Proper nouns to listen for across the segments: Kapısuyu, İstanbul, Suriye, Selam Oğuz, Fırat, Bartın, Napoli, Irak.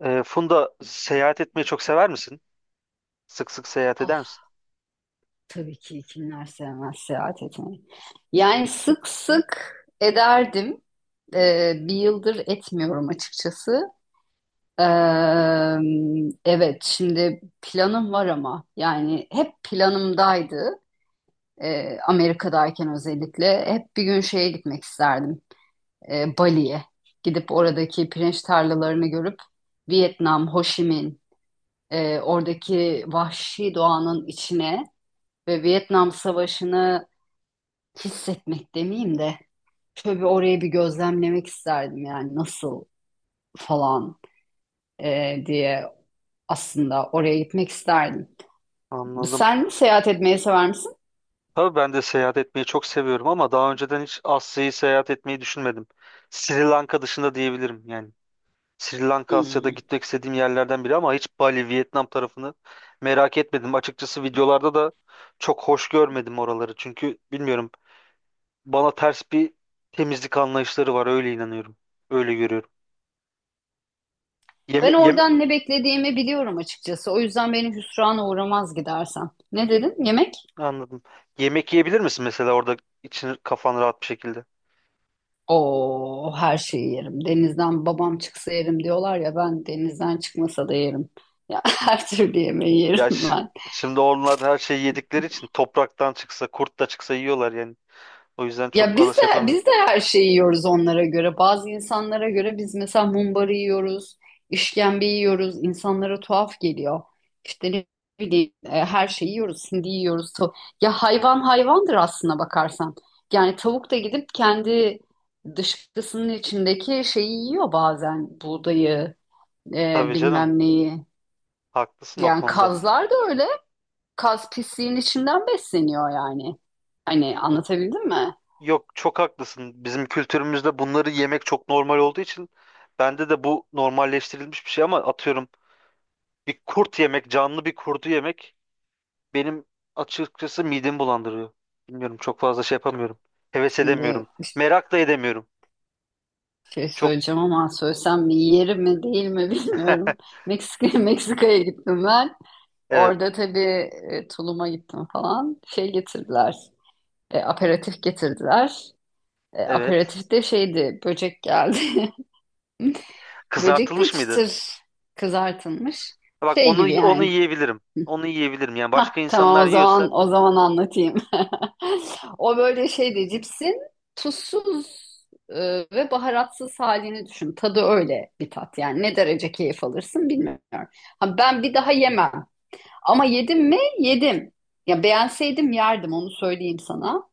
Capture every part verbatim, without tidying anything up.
Ee, Funda, seyahat etmeyi çok sever misin? Sık sık seyahat eder Ah, misin? tabii ki kimler sevmez seyahat etmeyi. Yani sık sık ederdim. Ee, bir yıldır etmiyorum açıkçası. Ee, evet, şimdi planım var ama yani hep planımdaydı. Ee, Amerika'dayken özellikle hep bir gün şeye gitmek isterdim. Ee, Bali'ye gidip oradaki pirinç tarlalarını görüp Vietnam, Ho Chi Minh, e, oradaki vahşi doğanın içine ve Vietnam Savaşı'nı hissetmek demeyeyim de şöyle bir orayı bir gözlemlemek isterdim, yani nasıl falan e, diye aslında oraya gitmek isterdim. Anladım. Sen seyahat etmeyi sever misin? Tabii ben de seyahat etmeyi çok seviyorum ama daha önceden hiç Asya'yı seyahat etmeyi düşünmedim. Sri Lanka dışında diyebilirim yani. Sri Lanka Asya'da Hmm. gitmek istediğim yerlerden biri ama hiç Bali, Vietnam tarafını merak etmedim. Açıkçası videolarda da çok hoş görmedim oraları. Çünkü bilmiyorum, bana ters bir temizlik anlayışları var, öyle inanıyorum. Öyle görüyorum. Ben Yeme, yeme, oradan ne beklediğimi biliyorum açıkçası. O yüzden beni hüsrana uğramaz gidersem. Ne dedin? Yemek? anladım. Yemek yiyebilir misin mesela orada, için kafan rahat bir şekilde? Oo, her şeyi yerim. Denizden babam çıksa yerim diyorlar ya, ben denizden çıkmasa da yerim. Ya, her türlü yemeği yerim Ya ş- ben. Şimdi onlar her şeyi yedikleri için topraktan çıksa kurt da çıksa yiyorlar yani. O yüzden çok Ya fazla biz de şey yapamıyorum. biz de her şeyi yiyoruz onlara göre. Bazı insanlara göre biz mesela mumbarı yiyoruz, işkembe yiyoruz. İnsanlara tuhaf geliyor. İşte ne bileyim e, her şeyi yiyoruz, hindi yiyoruz. tav- Ya, hayvan hayvandır aslına bakarsan. Yani tavuk da gidip kendi dışkısının içindeki şeyi yiyor bazen. Buğdayı, e, Tabii canım, bilmem neyi. haklısın o Yani konuda. kazlar da öyle. Kaz pisliğin içinden besleniyor yani. Hani anlatabildim mi? Yok, çok haklısın. Bizim kültürümüzde bunları yemek çok normal olduğu için bende de bu normalleştirilmiş bir şey ama atıyorum, bir kurt yemek, canlı bir kurdu yemek benim açıkçası midemi bulandırıyor. Bilmiyorum, çok fazla şey yapamıyorum. Heves Şimdi edemiyorum. Merak da edemiyorum. Şey Çok söyleyeceğim ama söylesem mi yerim mi değil mi bilmiyorum. Meksika Meksika'ya gittim ben. evet, Orada tabii e, tuluma gittim falan. Şey getirdiler. E, aperatif getirdiler. E, evet. Aperatif de şeydi, böcek geldi. Böcek de Kızartılmış mıydı? çıtır kızartılmış. Bak, Şey onu gibi onu yani. yiyebilirim. Onu yiyebilirim. Yani başka Tamam, insanlar o yiyorsa zaman o zaman anlatayım. O böyle şeydi, cipsin tuzsuz e, ve baharatsız halini düşün. Tadı öyle bir tat yani. Ne derece keyif alırsın bilmiyorum. Ha, ben bir daha yemem. Ama yedim mi? Yedim. Ya beğenseydim yerdim, onu söyleyeyim sana.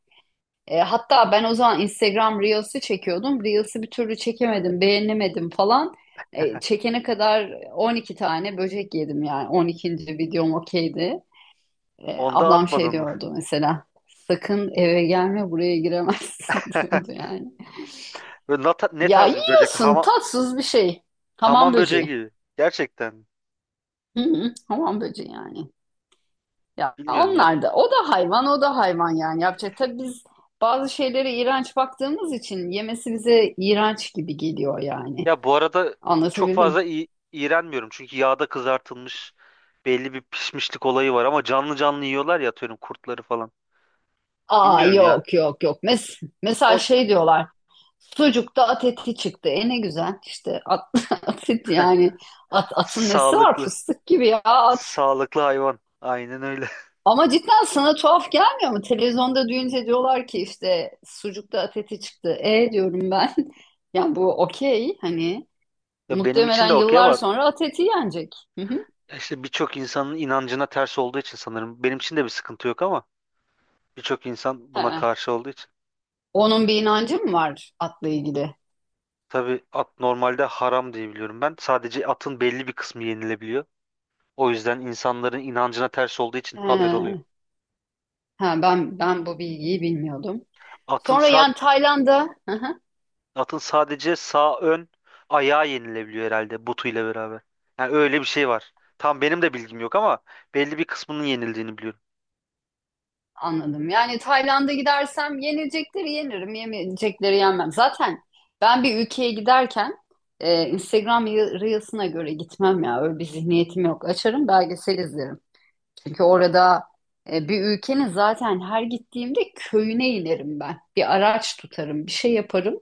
E, hatta ben o zaman Instagram Reels'i çekiyordum. Reels'i bir türlü çekemedim, beğenemedim falan. E, çekene kadar on iki tane böcek yedim yani. On ikinci videom okeydi. E, onda Ablam şey atmadın mı? diyordu mesela. Sakın eve gelme, buraya giremezsin diyordu yani. Böyle ne, ta- ne Ya, tarz bir böcek? yiyorsun Hama- tatsız bir şey. Hamam Hamam böceği böceği. gibi. Gerçekten. Hı hı, hamam böceği yani. Ya Bilmiyorum ya. onlar da, o da hayvan, o da hayvan, yani yapacak. Tabii biz bazı şeylere iğrenç baktığımız için yemesi bize iğrenç gibi geliyor yani. Ya bu arada çok Anlatabildim. fazla i- iğrenmiyorum. Çünkü yağda kızartılmış, belli bir pişmişlik olayı var ama canlı canlı yiyorlar ya, atıyorum kurtları falan. Aa, Bilmiyorum ya. yok, yok, yok. Mes mesela O şey diyorlar. Sucukta at eti çıktı. E ne güzel işte at, at eti yani. At, atın nesi var, sağlıklı. fıstık gibi ya at. Sağlıklı hayvan. Aynen öyle. Ama cidden sana tuhaf gelmiyor mu? Televizyonda duyunca diyorlar ki işte sucukta at eti çıktı. E diyorum ben. Yani bu okey, hani Ya benim için muhtemelen de okey yıllar ama sonra at eti yenecek. Hı hı. işte birçok insanın inancına ters olduğu için sanırım. Benim için de bir sıkıntı yok ama birçok insan buna He. karşı olduğu için. Onun bir inancı mı var atla ilgili? Tabii at normalde haram diye biliyorum ben. Sadece atın belli bir kısmı yenilebiliyor. O yüzden insanların inancına ters olduğu için haber oluyor. He. He, ben ben bu bilgiyi bilmiyordum. Atın Sonra sağ yani Tayland'a. Hı hı, atın sadece sağ ön ayağı yenilebiliyor herhalde, butuyla beraber. Yani öyle bir şey var. Tam benim de bilgim yok ama belli bir kısmının yenildiğini biliyorum. anladım. Yani Tayland'a gidersem yenilecekleri yenirim, yemeyecekleri yenmem. Zaten ben bir ülkeye giderken e, Instagram Re- Reels'ına göre gitmem ya. Öyle bir zihniyetim yok. Açarım, belgesel izlerim. Çünkü orada e, bir ülkenin zaten her gittiğimde köyüne inerim ben. Bir araç tutarım, bir şey yaparım,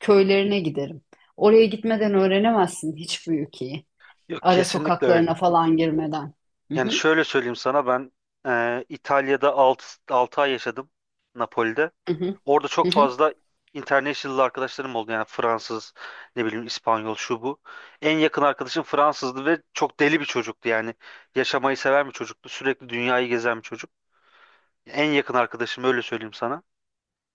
köylerine giderim. Oraya gitmeden öğrenemezsin hiçbir ülkeyi. Yok, Ara kesinlikle sokaklarına öyle. falan girmeden. Hı Yani hı, şöyle söyleyeyim sana, ben eee, İtalya'da altı altı ay yaşadım, Napoli'de. hı hı, Orada çok hı hı. fazla international arkadaşlarım oldu. Yani Fransız, ne bileyim, İspanyol, şu bu. En yakın arkadaşım Fransızdı ve çok deli bir çocuktu. Yani yaşamayı seven bir çocuktu. Sürekli dünyayı gezen bir çocuk. En yakın arkadaşım, öyle söyleyeyim sana.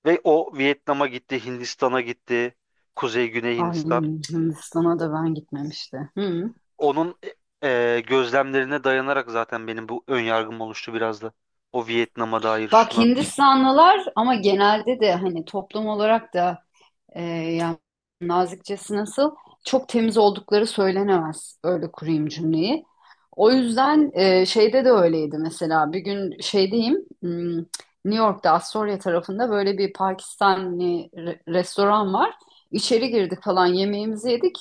Ve o Vietnam'a gitti, Hindistan'a gitti. Kuzey, Güney Ay, Hindistan. Hindistan'a O- da ben gitmemişti. Hı. Onun e, gözlemlerine dayanarak zaten benim bu ön yargım oluştu biraz da. O Vietnam'a dair Bak, şuna. Hindistanlılar ama genelde de hani toplum olarak da Ee, yani nazikçesi nasıl? Çok temiz oldukları söylenemez. Öyle kurayım cümleyi. O yüzden e, şeyde de öyleydi mesela. Bir gün şeydeyim, hmm, New York'ta Astoria tarafında böyle bir Pakistanlı re- restoran var. İçeri girdik falan, yemeğimizi yedik.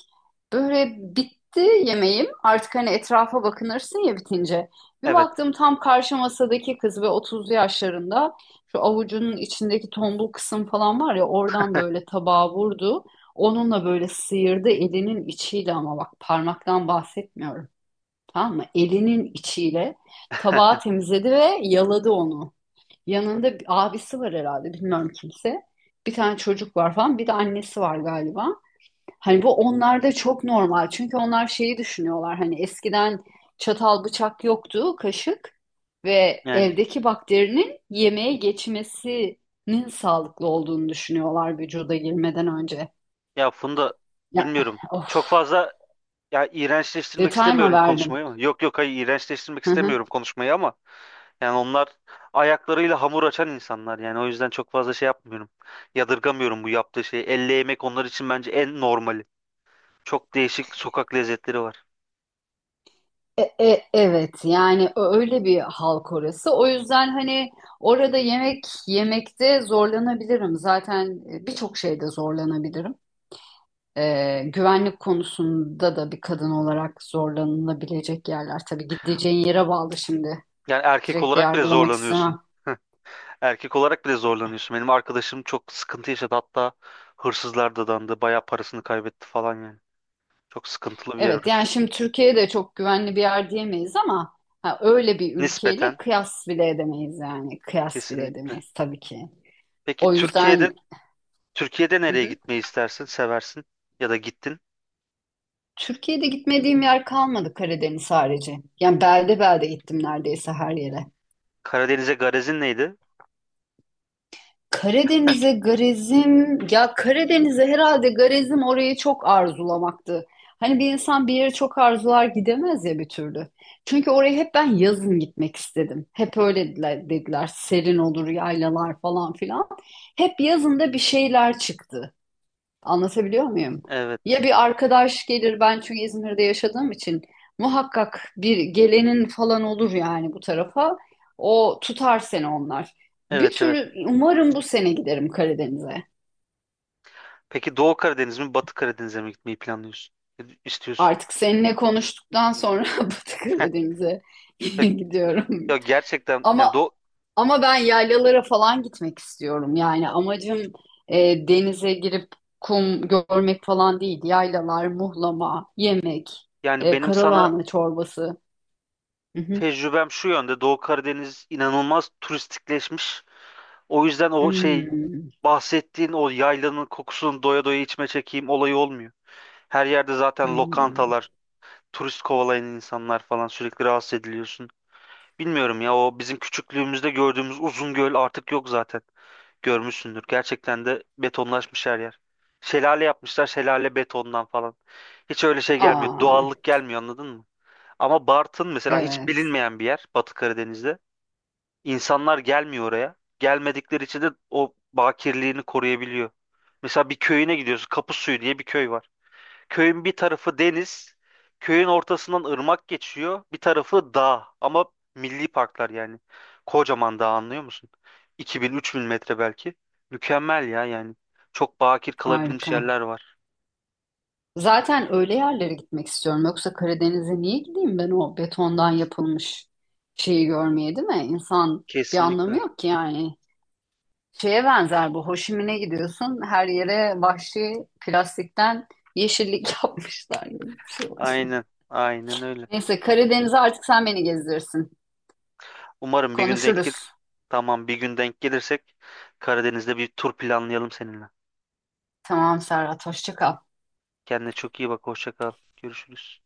Böyle bitti yemeğim. Artık hani etrafa bakınırsın ya bitince. Bir Evet. baktım tam karşı masadaki kız ve otuzlu yaşlarında. Şu avucunun içindeki tombul kısım falan var ya oradan böyle tabağa vurdu. Onunla böyle sıyırdı elinin içiyle, ama bak, parmaktan bahsetmiyorum. Tamam mı? Elinin içiyle tabağı temizledi ve yaladı onu. Yanında bir abisi var herhalde, bilmiyorum kimse. Bir tane çocuk var falan, bir de annesi var galiba. Hani bu onlarda çok normal. Çünkü onlar şeyi düşünüyorlar. Hani eskiden çatal bıçak yoktu, kaşık ve Yani, evdeki bakterinin yemeğe geçmesinin sağlıklı olduğunu düşünüyorlar vücuda girmeden önce. ya Funda, Ya, bilmiyorum. of, Çok fazla, ya iğrençleştirmek detay mı istemiyorum verdim? konuşmayı ama. Yok yok, hayır, iğrençleştirmek Hı hı. istemiyorum konuşmayı ama yani onlar ayaklarıyla hamur açan insanlar, yani o yüzden çok fazla şey yapmıyorum. Yadırgamıyorum bu yaptığı şeyi. Elle yemek onlar için bence en normali. Çok değişik sokak lezzetleri var. E- e- evet yani ö- öyle bir halk orası. O yüzden hani orada yemek yemekte zorlanabilirim. Zaten e, birçok şeyde zorlanabilirim. Ee, güvenlik konusunda da bir kadın olarak zorlanılabilecek yerler. Tabii gideceğin yere bağlı şimdi. Yani erkek Direkt de olarak bile yargılamak zorlanıyorsun. istemem. Erkek olarak bile zorlanıyorsun. Benim arkadaşım çok sıkıntı yaşadı hatta, hırsızlar dadandı, bayağı parasını kaybetti falan yani. Çok sıkıntılı bir yer Evet, orası. yani şimdi Türkiye de çok güvenli bir yer diyemeyiz ama ha, öyle bir ülkeyle Nispeten, kıyas bile edemeyiz yani. Kıyas bile kesinlikle. edemeyiz tabii ki. Peki O Türkiye'de yüzden. Türkiye'de Hı nereye hı. gitmeyi istersin, seversin ya da gittin? Türkiye'de gitmediğim yer kalmadı Karadeniz harici. Yani belde belde gittim neredeyse her yere. Karadeniz'e garezin neydi? Karadeniz'e garezim, ya Karadeniz'e herhalde garezim orayı çok arzulamaktı. Hani bir insan bir yere çok arzular gidemez ya bir türlü. Çünkü oraya hep ben yazın gitmek istedim. Hep öyle dediler, dediler serin olur yaylalar falan filan. Hep yazında bir şeyler çıktı. Anlatabiliyor muyum? Ya Evet. bir arkadaş gelir, ben çünkü İzmir'de yaşadığım için muhakkak bir gelenin falan olur yani bu tarafa. O tutar seni onlar. Bir Evet, evet. tür umarım bu sene giderim Karadeniz'e. Peki Doğu Karadeniz mi, Batı Karadeniz'e mi gitmeyi planlıyorsun? İstiyorsun. Artık seninle konuştuktan sonra Batı Karadeniz'e Ya, gidiyorum. ya gerçekten, yani Ama Doğu, Ama ben yaylalara falan gitmek istiyorum. Yani amacım e, denize girip kum görmek falan değil. Yaylalar, muhlama, yemek, yani e, benim sana karalahana çorbası. Hı hı. tecrübem şu yönde, Doğu Karadeniz inanılmaz turistikleşmiş. O yüzden o şey Hmm, bahsettiğin o yaylanın kokusunu doya doya içme çekeyim olayı olmuyor. Her yerde zaten hmm. lokantalar, turist kovalayan insanlar falan, sürekli rahatsız ediliyorsun. Bilmiyorum ya, o bizim küçüklüğümüzde gördüğümüz uzun göl artık yok zaten. Görmüşsündür. Gerçekten de betonlaşmış her yer. Şelale yapmışlar, şelale betondan falan. Hiç öyle şey gelmiyor. Aa, Doğallık gelmiyor, anladın mı? Ama Bartın mesela hiç evet, bilinmeyen bir yer, Batı Karadeniz'de. İnsanlar gelmiyor oraya. Gelmedikleri için de o bakirliğini koruyabiliyor. Mesela bir köyüne gidiyorsun. Kapısuyu diye bir köy var. Köyün bir tarafı deniz, köyün ortasından ırmak geçiyor, bir tarafı dağ ama milli parklar yani. Kocaman dağ, anlıyor musun? iki bin üç bin metre belki. Mükemmel ya yani. Çok bakir kalabilmiş harika. yerler var. Zaten öyle yerlere gitmek istiyorum. Yoksa Karadeniz'e niye gideyim ben o betondan yapılmış şeyi görmeye, değil mi? İnsan bir anlamı Kesinlikle. yok ki yani. Şeye benzer bu. Hoşimine gidiyorsun. Her yere vahşi plastikten yeşillik yapmışlar gibi bir şey olacak. Aynen. Aynen öyle. Neyse Karadeniz'e artık sen beni gezdirirsin. Umarım bir gün denk gel. Konuşuruz. Tamam, bir gün denk gelirsek Karadeniz'de bir tur planlayalım seninle. Tamam Serhat. Hoşça kal. Kendine çok iyi bak. Hoşça kal. Görüşürüz.